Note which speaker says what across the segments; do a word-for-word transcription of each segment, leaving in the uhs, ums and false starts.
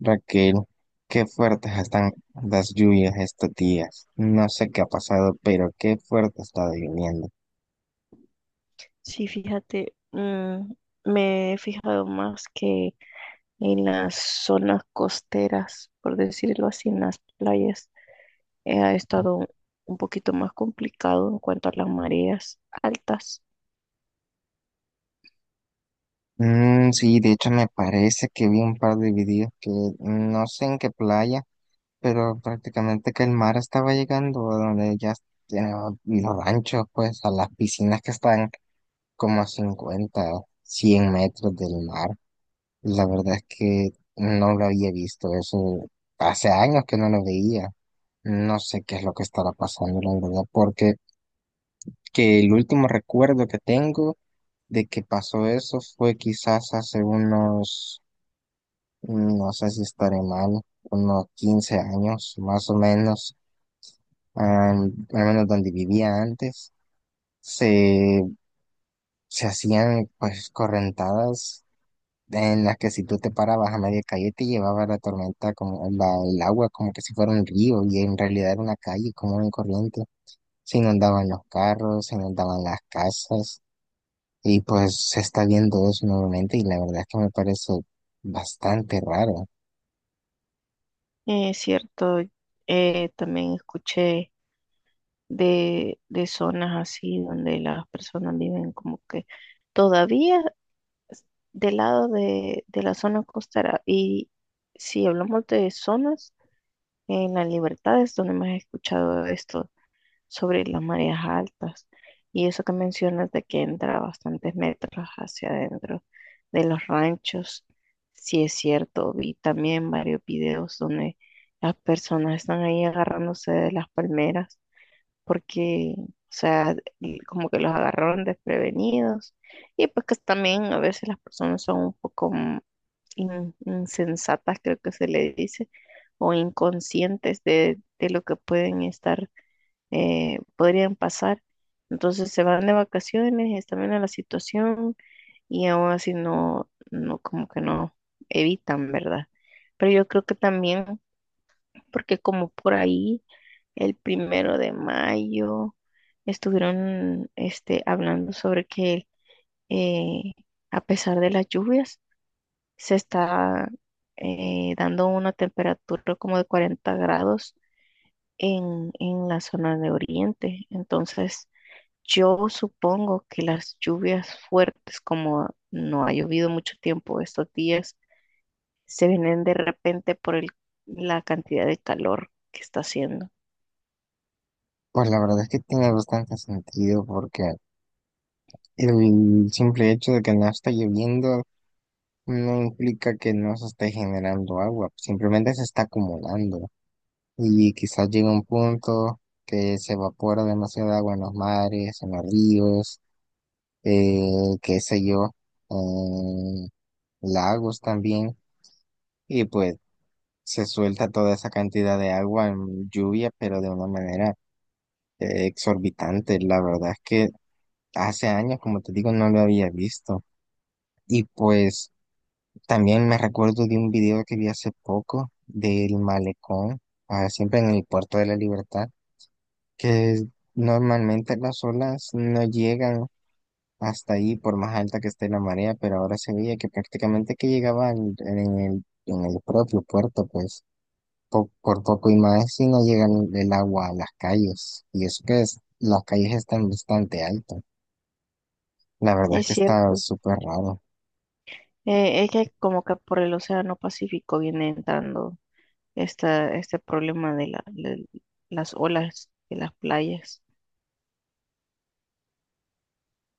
Speaker 1: Raquel, qué fuertes están las lluvias estos días. No sé qué ha pasado, pero qué fuerte ha estado lloviendo.
Speaker 2: Sí, fíjate, mm, me he fijado más que en las zonas costeras, por decirlo así, en las playas, eh, ha estado un poquito más complicado en cuanto a las mareas altas.
Speaker 1: Mm, sí, de hecho me parece que vi un par de videos que no sé en qué playa, pero prácticamente que el mar estaba llegando a donde ya tienen los ranchos, pues a las piscinas que están como a cincuenta, cien metros del mar. La verdad es que no lo había visto, eso hace años que no lo veía. No sé qué es lo que estará pasando, la verdad, porque que el último recuerdo que tengo de que pasó eso fue quizás hace unos, no sé si estaré mal, unos quince años más o menos, am, al menos donde vivía antes, se, se hacían pues correntadas en las que si tú te parabas a media calle te llevaba la tormenta como la- el agua como que si fuera un río y en realidad era una calle como una corriente. Se inundaban los carros, se inundaban las casas y pues se está viendo eso nuevamente y la verdad es que me parece bastante raro.
Speaker 2: Eh, Es cierto, eh, también escuché de, de zonas así donde las personas viven como que todavía s- del lado de, de la zona costera. Y si hablamos de zonas, en La Libertad es donde más he escuchado esto sobre las mareas altas y eso que mencionas de que entra bastantes metros hacia adentro de los ranchos, sí es cierto, vi también varios videos donde las personas están ahí agarrándose de las palmeras porque, o sea, y como que los agarraron desprevenidos y pues que también a veces las personas son un poco in- insensatas, creo que se le dice, o inconscientes de, de lo que pueden estar, eh, podrían pasar. Entonces se van de vacaciones, están viendo la situación y aún así no, no, como que no evitan, ¿verdad? Pero yo creo que también, porque como por ahí, el primero de mayo, estuvieron este, hablando sobre que eh, a pesar de las lluvias, se está eh, dando una temperatura como de cuarenta grados en, en la zona de Oriente. Entonces, yo supongo que las lluvias fuertes, como no ha llovido mucho tiempo estos días, se vienen de repente por el- la cantidad de calor que está haciendo.
Speaker 1: Pues la verdad es que tiene bastante sentido porque el simple hecho de que no está lloviendo no implica que no se esté generando agua, simplemente se está acumulando. Y quizás llegue un punto que se evapora demasiada agua en los mares, en los ríos, eh, qué sé yo, en lagos también, y pues se suelta toda esa cantidad de agua en lluvia, pero de una manera eh, exorbitante. La verdad es que hace años, como te digo, no lo había visto. Y pues también me recuerdo de un video que vi hace poco del malecón, ah, siempre en el Puerto de la Libertad que normalmente las olas no llegan hasta ahí por más alta que esté la marea, pero ahora se veía que prácticamente que llegaban en el, en el propio puerto, pues po- por poco y más si no llegan el agua a las calles, y eso que es, las calles están bastante altas. La verdad es
Speaker 2: Es
Speaker 1: que está
Speaker 2: cierto.
Speaker 1: súper raro,
Speaker 2: Eh, es que como que por el Océano Pacífico viene entrando esta, este problema de la- de las olas de las playas.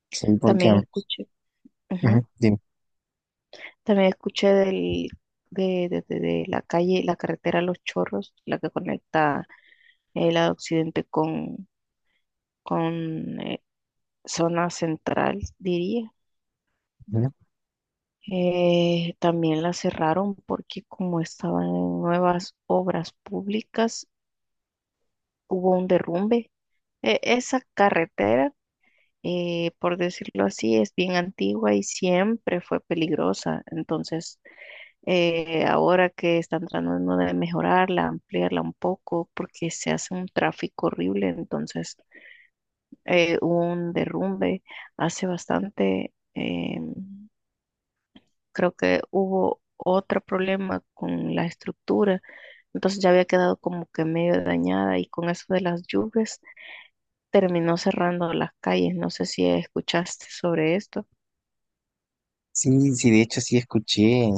Speaker 1: sí, porque,
Speaker 2: También escuché. Ujú.
Speaker 1: ujú, dime,
Speaker 2: También escuché del, de, de- de- de la calle, la carretera Los Chorros, la que conecta el lado occidente con, con eh, zona central, diría.
Speaker 1: ujú.
Speaker 2: Eh, también la cerraron porque como estaban en nuevas obras públicas, hubo un derrumbe. E- esa carretera, eh, por decirlo así, es bien antigua y siempre fue peligrosa. Entonces eh, ahora que están tratando de mejorarla, ampliarla un poco, porque se hace un tráfico horrible, entonces eh, hubo un derrumbe hace bastante, eh, creo que hubo otro problema con la estructura, entonces ya había quedado como que medio dañada y con eso de las lluvias terminó cerrando las calles, no sé si escuchaste sobre esto.
Speaker 1: Sí, sí, de hecho sí escuché, eh,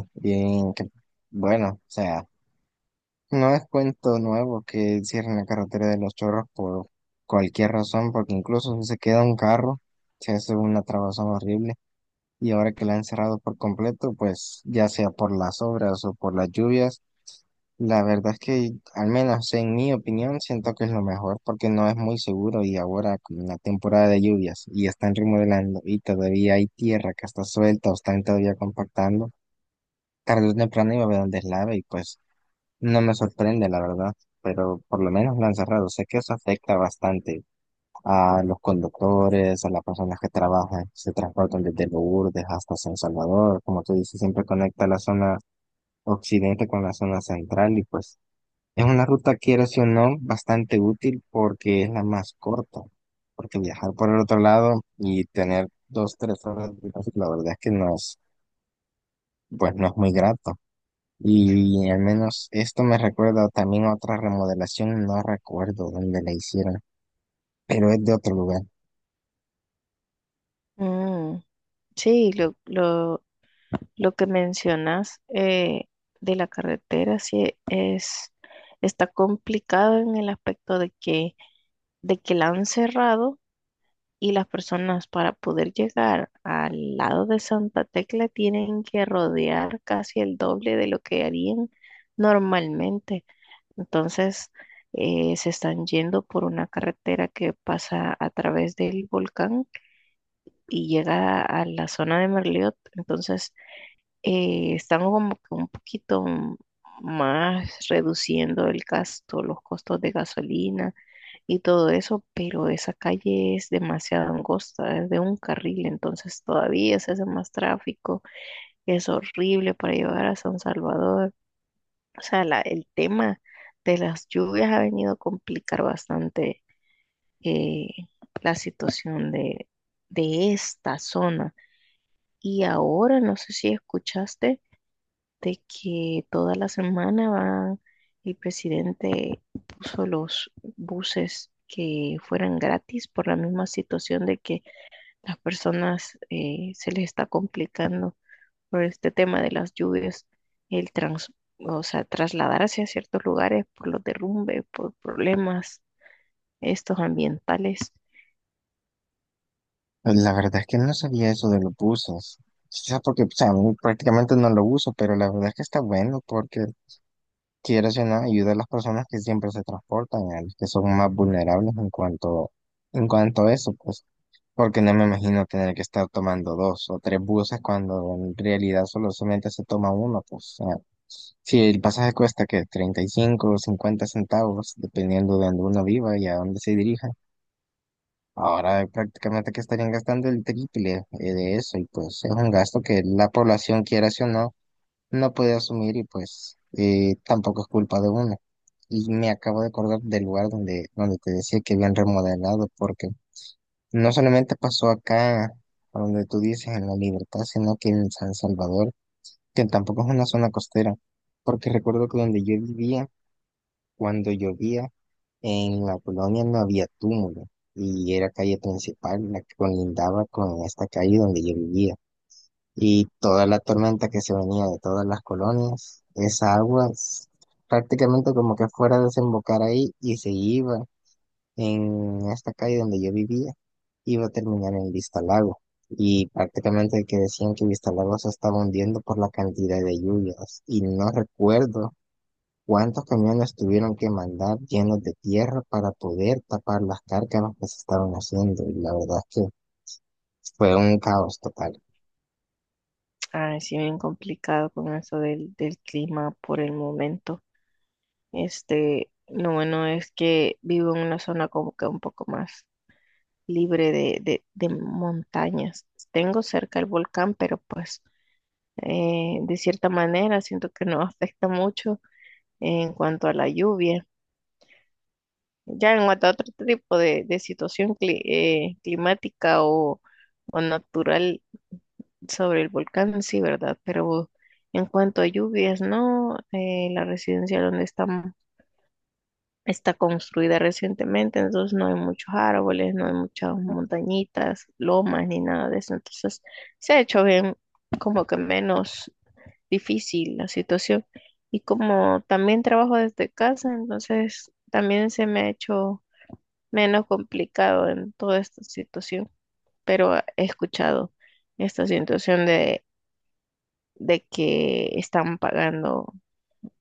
Speaker 1: que, bueno, o sea... No es cuento nuevo que cierren la carretera de Los Chorros por cualquier razón, porque incluso si se queda un carro, se hace una trabazón horrible. Y ahora que la han cerrado por completo, pues ya sea por las obras o por las lluvias, la verdad es que, al menos en mi opinión, siento que es lo mejor porque no es muy seguro y ahora con la temporada de lluvias y están remodelando y todavía hay tierra que está suelta o están todavía compactando, tarde o temprano iba a haber un deslave y pues... No me sorprende, la verdad, pero por lo menos la han cerrado. Sé que eso afecta bastante a los conductores, a las personas que trabajan, se transportan desde Lourdes hasta San Salvador. Como tú dices, siempre conecta la zona occidente con la zona central y pues es una ruta, quieras o no, bastante útil porque es la más corta. Porque viajar por el otro lado y tener dos, tres horas de tráfico, la verdad es que no es, pues no es muy grato. Y al menos esto me recuerda también a otra remodelación, no recuerdo dónde la hicieron, pero es de otro lugar.
Speaker 2: Mm, sí, lo, lo que mencionas eh, de la carretera sí es, está complicado en el aspecto de que, de que la han cerrado y las personas para poder llegar al lado de Santa Tecla tienen que rodear casi el doble de lo que harían normalmente. Entonces, eh, se están yendo por una carretera que pasa a través del volcán y llega a la zona de Merliot. Entonces, eh, están como que un poquito m- más reduciendo el gasto, los costos de gasolina y todo eso, pero esa calle es demasiado angosta, es de un carril, entonces todavía se hace más tráfico, es horrible para llegar a San Salvador. O sea, la- el tema de las lluvias ha venido a complicar bastante eh, la situación de, de esta zona. Y ahora, no sé si escuchaste de que toda la semana va, el presidente puso los buses que fueran gratis por la misma situación de que las personas eh, se les está complicando por este tema de las lluvias, el trans, o sea, trasladarse a ciertos lugares por los derrumbes, por problemas estos ambientales.
Speaker 1: Pues la verdad es que no sabía eso de los buzos. Quizás porque, o sea, a mí prácticamente no lo uso, pero la verdad es que está bueno porque quiero o no, ayuda a las personas que siempre se transportan, a los que son más vulnerables en cuanto, en cuanto a eso, pues, porque no me imagino tener que estar tomando dos o tres buses cuando en realidad solo solamente se toma uno, pues, sí, el pasaje cuesta que treinta y cinco o cincuenta centavos, dependiendo de donde uno viva y a dónde se dirija. Ahora prácticamente que estarían gastando el triple eh, de eso y pues es un gasto que la población, quiera sí o no, no puede asumir y pues eh, tampoco es culpa de uno. Y me acabo de acordar del lugar donde, donde te decía que habían remodelado, porque no solamente pasó acá, a donde tú dices, en La Libertad, sino que en San Salvador, que tampoco es una zona costera, porque recuerdo que donde yo vivía, cuando llovía, en la colonia no había túmulo y era calle principal la que colindaba con esta calle donde yo vivía. Y toda la tormenta que se venía de todas las colonias, esa agua s- prácticamente como que fuera a desembocar ahí y se iba en esta calle donde yo vivía, iba a terminar en Vistalago. Y prácticamente que decían que Vistalago se estaba hundiendo por la cantidad de lluvias. Y no recuerdo ¿cuántos camiones tuvieron que mandar llenos de tierra para poder tapar las cárcamas que se estaban haciendo? Y la verdad es que fue un caos total.
Speaker 2: Ah, sí, bien complicado con eso del, del clima por el momento. Este, lo bueno es que vivo en una zona como que un poco más libre de, de, de montañas. Tengo cerca el volcán, pero pues eh, de cierta manera siento que no afecta mucho en cuanto a la lluvia. Ya en cuanto a otro tipo de, de situación cli- eh, climática o, o natural sobre el volcán, sí, ¿verdad? Pero en cuanto a lluvias, no. Eh, la residencia donde estamos está construida recientemente, entonces no hay muchos árboles, no hay muchas montañitas, lomas ni nada de eso. Entonces se ha hecho bien, como que menos difícil la situación. Y como también trabajo desde casa, entonces también se me ha hecho menos complicado en toda esta situación. Pero he escuchado esta situación de, de que están pagando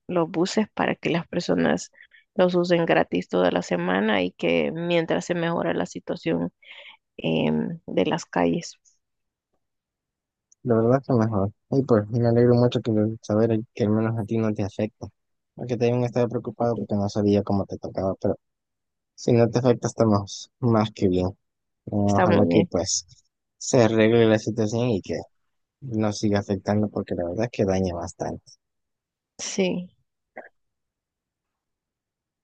Speaker 2: los buses para que las personas los usen gratis toda la semana y que mientras se mejora la situación em, de las calles.
Speaker 1: La verdad que mejor. Y pues me alegro mucho que lo- saber que al menos a ti no te afecta. Aunque te hayan estado preocupado
Speaker 2: Sí,
Speaker 1: porque no sabía cómo te tocaba, pero si no te afecta estamos más que bien.
Speaker 2: está muy
Speaker 1: Ojalá que
Speaker 2: bien.
Speaker 1: pues se arregle la situación y que no siga afectando porque la verdad es que daña bastante.
Speaker 2: Sí.